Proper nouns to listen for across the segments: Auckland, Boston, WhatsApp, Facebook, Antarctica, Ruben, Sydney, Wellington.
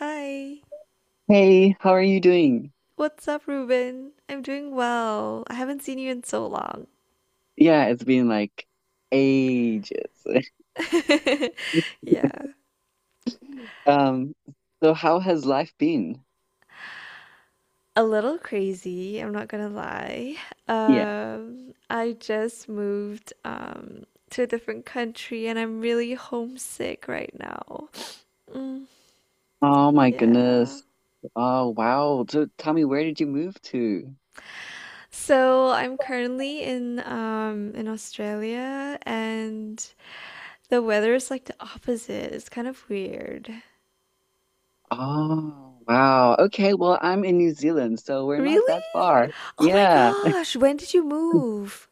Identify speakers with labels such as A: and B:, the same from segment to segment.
A: Hi,
B: Hey, how are you doing?
A: what's up, Ruben? I'm doing well. I haven't seen you in so long.
B: Yeah, it's been like ages.
A: Yeah.
B: Um, so how has life been?
A: A little crazy, I'm not gonna lie.
B: Yeah.
A: I just moved to a different country and I'm really homesick right now. Mm,
B: Oh my
A: yeah.
B: goodness. Oh wow. So tell me, where did you move to?
A: So I'm currently in Australia and the weather is like the opposite. It's kind of weird.
B: Oh wow. Okay, well, I'm in New Zealand, so we're not
A: Really?
B: that far.
A: Oh my
B: Yeah.
A: gosh, when did you move?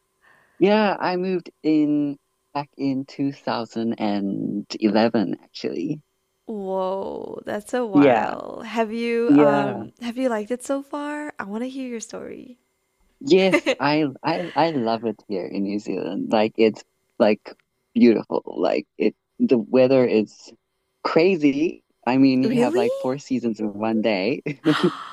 B: Yeah, I moved in back in 2011 actually.
A: Whoa, that's a
B: Yeah.
A: while.
B: Yeah.
A: Have you liked it so far? I want to hear your story.
B: Yes, I love it here in New Zealand. Like it's like beautiful. Like it the weather is crazy. I mean, you have
A: Really?
B: like four seasons in one day.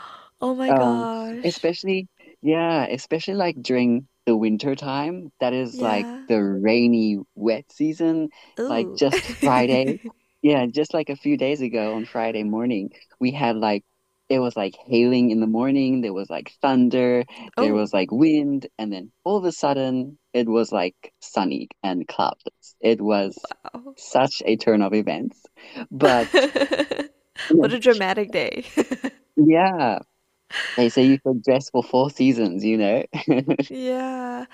A: Oh my
B: Um,
A: gosh.
B: especially, yeah, especially like during the winter time, that is like
A: Yeah.
B: the rainy, wet season, like
A: Oh.
B: just Friday. Yeah, just like a few days ago on Friday morning, we had like it was like hailing in the morning, there was like thunder, there
A: Oh,
B: was like wind, and then all of a sudden it was like sunny and cloudless. It was
A: wow.
B: such a turn of events. But
A: What a dramatic day.
B: yeah, they say you could dress for four seasons.
A: Yeah.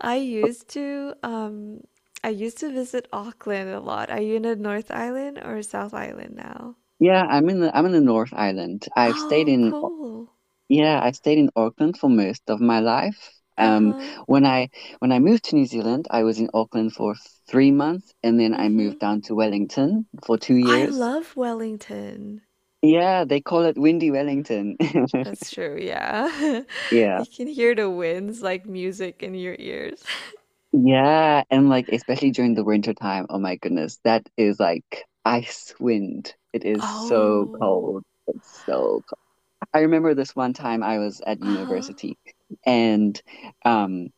A: I used to um I used to visit Auckland a lot. Are you in the North Island or South Island now?
B: Yeah, I'm in the North Island. I've stayed
A: Oh,
B: in
A: cool.
B: yeah, I stayed in Auckland for most of my life.
A: Uh-huh.
B: When I when I moved to New Zealand, I was in Auckland for 3 months, and then I
A: Hmm.
B: moved down to Wellington for two
A: I
B: years.
A: love Wellington.
B: Yeah, they call it Windy Wellington.
A: That's true, yeah.
B: Yeah.
A: You can hear the winds like music in your ears.
B: Yeah, and like especially during the winter time, oh my goodness, that is like ice wind. It is so
A: Oh.
B: cold. It's so I remember this one time I was at
A: Uh-huh.
B: university and um,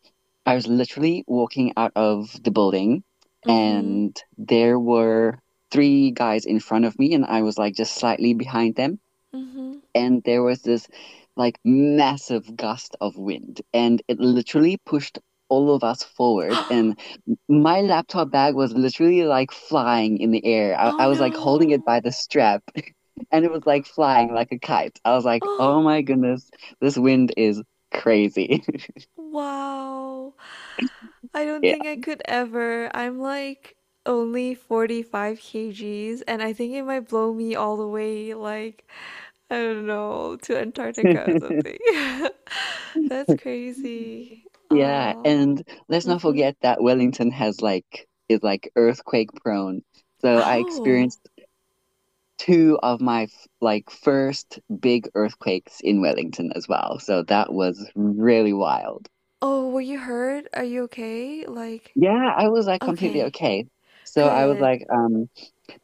B: I was literally walking out of the building
A: Mm-hmm.
B: and there were three guys in front of me and I was like just slightly behind them
A: Mm-hmm.
B: and there was this like massive gust of wind, and it literally pushed all of us forward. And my laptop bag was literally like flying in the air. I,
A: Oh
B: I was like holding it
A: no.
B: by the strap, and it was like flying like a kite. I was like,
A: Oh,
B: oh my goodness, this wind is crazy.
A: wow. I don't
B: Yeah.
A: think I could ever. I'm like only 45 kg kgs and I think it might blow me all the way like I don't know, to Antarctica or something. That's crazy.
B: Yeah,
A: Oh.
B: and let's not
A: Mm-hmm.
B: forget that Wellington has like is like earthquake prone. So I
A: Oh.
B: experienced two of my like first big earthquakes in Wellington as well. So that was really wild.
A: Oh, were you hurt? Are you okay? Like,
B: Yeah, I was like completely
A: okay,
B: okay. So I was
A: good.
B: like,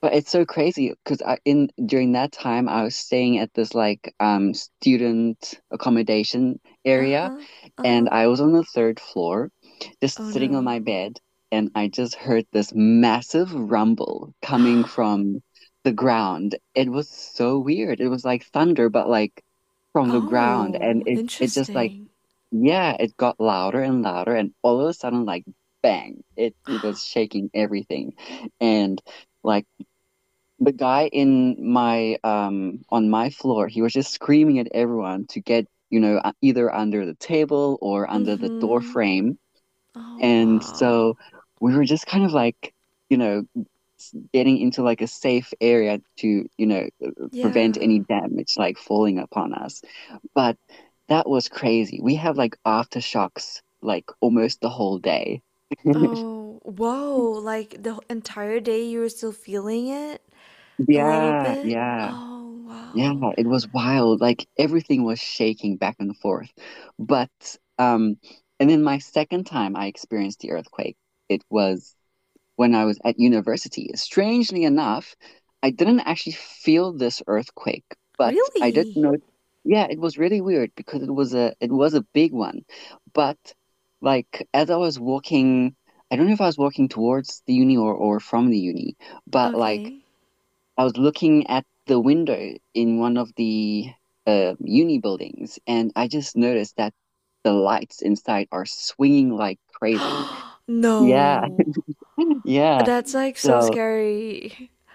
B: but it's so crazy because I in during that time I was staying at this like student accommodation area
A: Uh-huh,
B: and
A: uh-huh.
B: I was on the third floor, just
A: Oh
B: sitting on
A: no.
B: my bed, and I just heard this massive rumble coming from the ground. It was so weird. It was like thunder, but like from the ground, and
A: Oh,
B: it just like
A: interesting.
B: yeah, it got louder and louder, and all of a sudden, like bang, it was shaking everything, and like the guy in my on my floor, he was just screaming at everyone to get, you know, either under the table or under the door
A: Mm-hmm.
B: frame.
A: Oh,
B: And
A: wow.
B: so we were just kind of like, you know, getting into like a safe area to, you know, prevent any
A: Yeah.
B: damage like falling upon us. But that was crazy. We have like aftershocks like almost the whole day.
A: Oh, whoa. Like the entire day you were still feeling it a little
B: Yeah,
A: bit?
B: yeah.
A: Oh,
B: Yeah,
A: wow.
B: it was wild. Like everything was shaking back and forth. But um and then my second time I experienced the earthquake, it was when I was at university. Strangely enough, I didn't actually feel this earthquake, but I did
A: Really?
B: know yeah, it was really weird because it was a big one. But like as I was walking, I don't know if I was walking towards the uni or from the uni, but like
A: Okay.
B: I was looking at the window in one of the uni buildings, and I just noticed that the lights inside are swinging like crazy. Yeah,
A: No.
B: yeah.
A: That's like so
B: So
A: scary.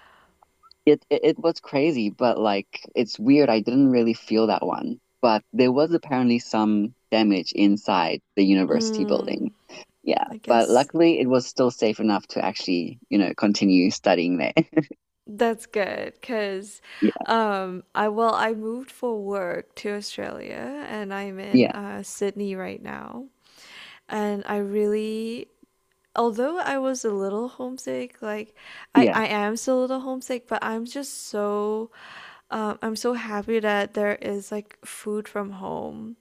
B: it was crazy, but like it's weird. I didn't really feel that one, but there was apparently some damage inside the university building.
A: Mm,
B: Yeah,
A: I
B: but
A: guess.
B: luckily it was still safe enough to actually, you know, continue studying there.
A: That's good because
B: Yeah,
A: I well I moved for work to Australia and I'm in
B: yeah,
A: Sydney right now. And I really, although I was a little homesick,
B: yeah,
A: I am still a little homesick, but I'm just so I'm so happy that there is like food from home,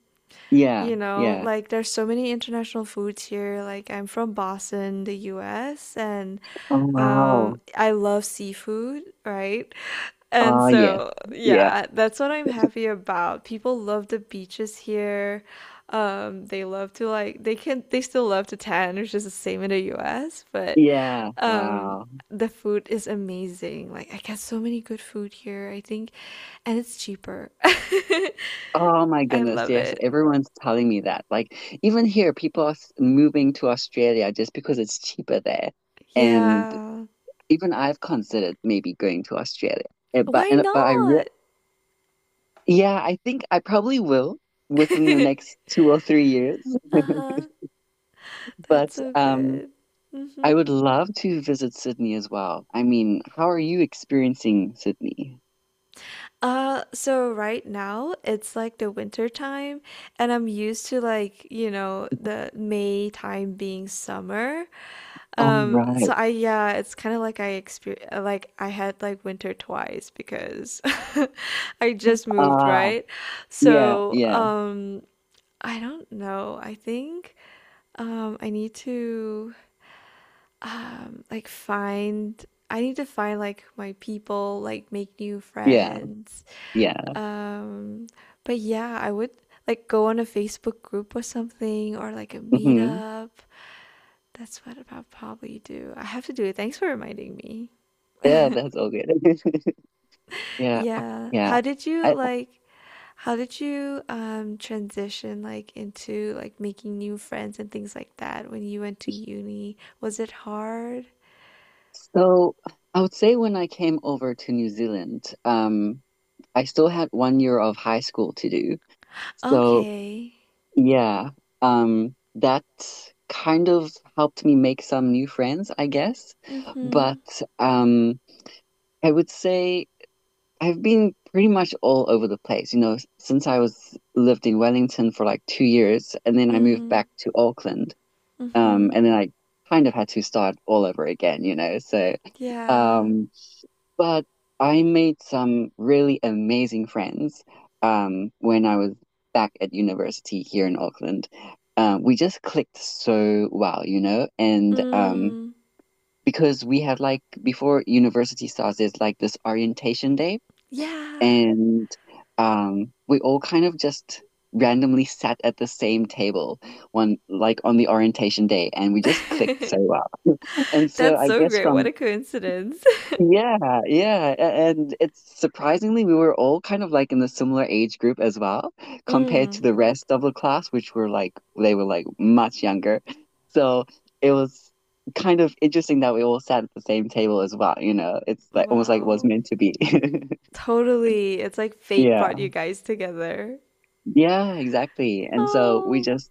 B: yeah,
A: you know,
B: yeah.
A: like there's so many international foods here. Like I'm from Boston, the US, and
B: Oh, wow.
A: I love seafood, right? And
B: Ah, yes.
A: so,
B: Yeah.
A: yeah, that's what I'm happy about. People love the beaches here. They love to they still love to tan, which is the same in the US, but
B: Yeah.
A: um
B: Wow.
A: the food is amazing. Like I get so many good food here, I think, and it's cheaper.
B: Oh my
A: I
B: goodness.
A: love
B: Yes.
A: it.
B: Everyone's telling me that. Like, even here, people are moving to Australia just because it's cheaper there. And
A: Yeah.
B: even I've considered maybe going to Australia. Eh, But
A: Why
B: and but I re
A: not?
B: yeah, I think I probably will within the next 2 or 3 years.
A: That's
B: But
A: so good.
B: I would love to visit Sydney as well. I mean, how are you experiencing Sydney?
A: So right now it's like the winter time, and I'm used to, like, you know, the May time being summer.
B: All
A: So
B: right.
A: I yeah, it's kind of like I exper like I had like winter twice because I just moved,
B: Ah,
A: right?
B: yeah,
A: So,
B: yeah,
A: I don't know. I think I need to like find I need to find like my people, like make new
B: yeah.
A: friends.
B: Yeah.
A: Um but yeah, I would like go on a Facebook group or something or like a
B: Hmm.
A: meetup. That's what I'll probably do. I have to do it. Thanks for reminding me.
B: Yeah, that's all good. Yeah.
A: Yeah.
B: Yeah. I
A: How did you transition like into like making new friends and things like that when you went to uni? Was it hard?
B: so I would say when I came over to New Zealand, I still had one year of high school to do. So
A: Okay.
B: yeah, that kind of helped me make some new friends, I guess.
A: Mm-hmm.
B: But um, I would say I've been pretty much all over the place, you know, since I was lived in Wellington for like 2 years, and then I moved
A: Mhm,
B: back to Auckland.
A: mhm.
B: And then I kind of had to start all over again, you know. So,
A: Yeah.
B: um, but I made some really amazing friends when I was back at university here in Auckland. We just clicked so well, you know, and
A: Mm.
B: because we had like before university starts, there's like this orientation day,
A: Yeah.
B: and we all kind of just randomly sat at the same table one like on the orientation day, and we just clicked so well. And so
A: That's
B: I
A: so
B: guess
A: great. What a
B: from
A: coincidence.
B: yeah, yeah, and it's surprisingly we were all kind of like in a similar age group as well, compared to
A: Mm.
B: the rest of the class, which were like they were like much younger. So it was kind of interesting that we all sat at the same table as well, you know. It's like almost like it was
A: Wow.
B: meant to be.
A: Totally. It's like fate
B: Yeah.
A: brought you guys together.
B: Yeah, exactly. And so we
A: Oh.
B: just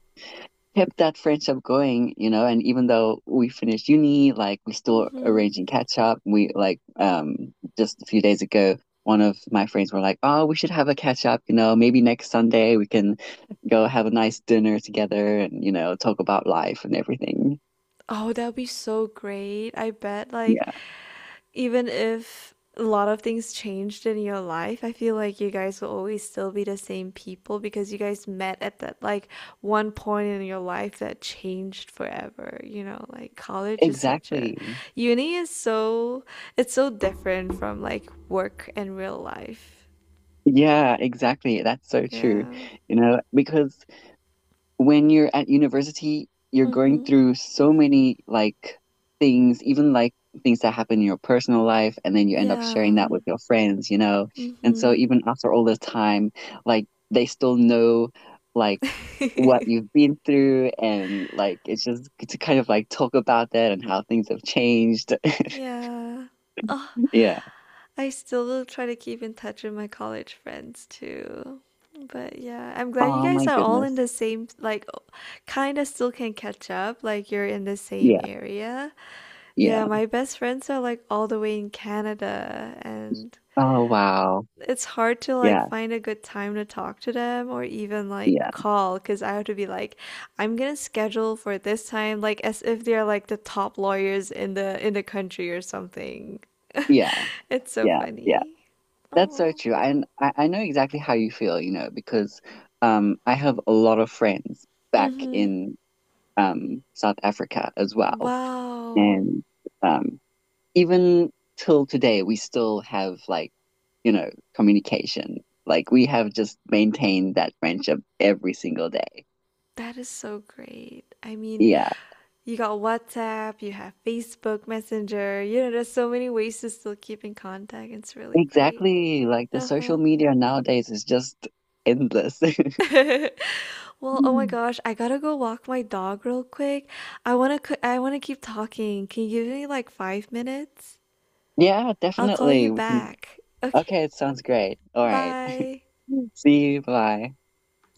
B: kept that friendship going, you know, and even though we finished uni, like we still
A: Mhm.
B: arranging catch up. We like just a few days ago, one of my friends were like, "Oh, we should have a catch up, you know, maybe next Sunday we can go have a nice dinner together and, you know, talk about life and everything."
A: Oh, that'd be so great. I bet like
B: Yeah,
A: even if a lot of things changed in your life, I feel like you guys will always still be the same people because you guys met at that like one point in your life that changed forever. You know, like college is such a
B: exactly.
A: uni is so, it's so different from like work and real life.
B: Yeah, exactly. That's so true.
A: Yeah.
B: You know, because when you're at university, you're going
A: Mhm.
B: through so many like things, even like things that happen in your personal life, and then you end up sharing that
A: Yeah.
B: with your friends, you know? And so
A: Mhm.
B: even after all this time, like they still know like what you've been through and like it's just good to kind of like talk about that and how things have changed.
A: Yeah.
B: Yeah.
A: I still try to keep in touch with my college friends too. But yeah, I'm glad you
B: Oh
A: guys
B: my
A: are all in
B: goodness.
A: the same, like, kind of still can catch up. Like, you're in the same
B: Yeah,
A: area. Yeah,
B: yeah.
A: my best friends are like all the way in Canada, and
B: Oh wow.
A: it's hard to like
B: Yeah,
A: find a good time to talk to them or even like
B: yeah,
A: call because I have to be like, I'm gonna schedule for this time, like as if they're like the top lawyers in the country or something.
B: yeah,
A: It's so
B: yeah.
A: funny.
B: That's so
A: Oh.
B: true. I know exactly how you feel, you know, because I have a lot of friends back
A: Mhm.
B: in South Africa as well.
A: Wow.
B: And um, even till today, we still have like, you know, communication. Like we have just maintained that friendship every single day.
A: That is so great. I mean,
B: Yeah,
A: you got WhatsApp, you have Facebook Messenger. You know, there's so many ways to still keep in contact. It's really great.
B: exactly. Like the social
A: Uh-huh.
B: media nowadays is just endless.
A: Well, oh my gosh, I gotta go walk my dog real quick. I wanna keep talking. Can you give me like 5 minutes?
B: Yeah,
A: I'll call you
B: definitely. We can...
A: back. Okay.
B: Okay, it sounds great. All right.
A: Bye.
B: See you. Bye.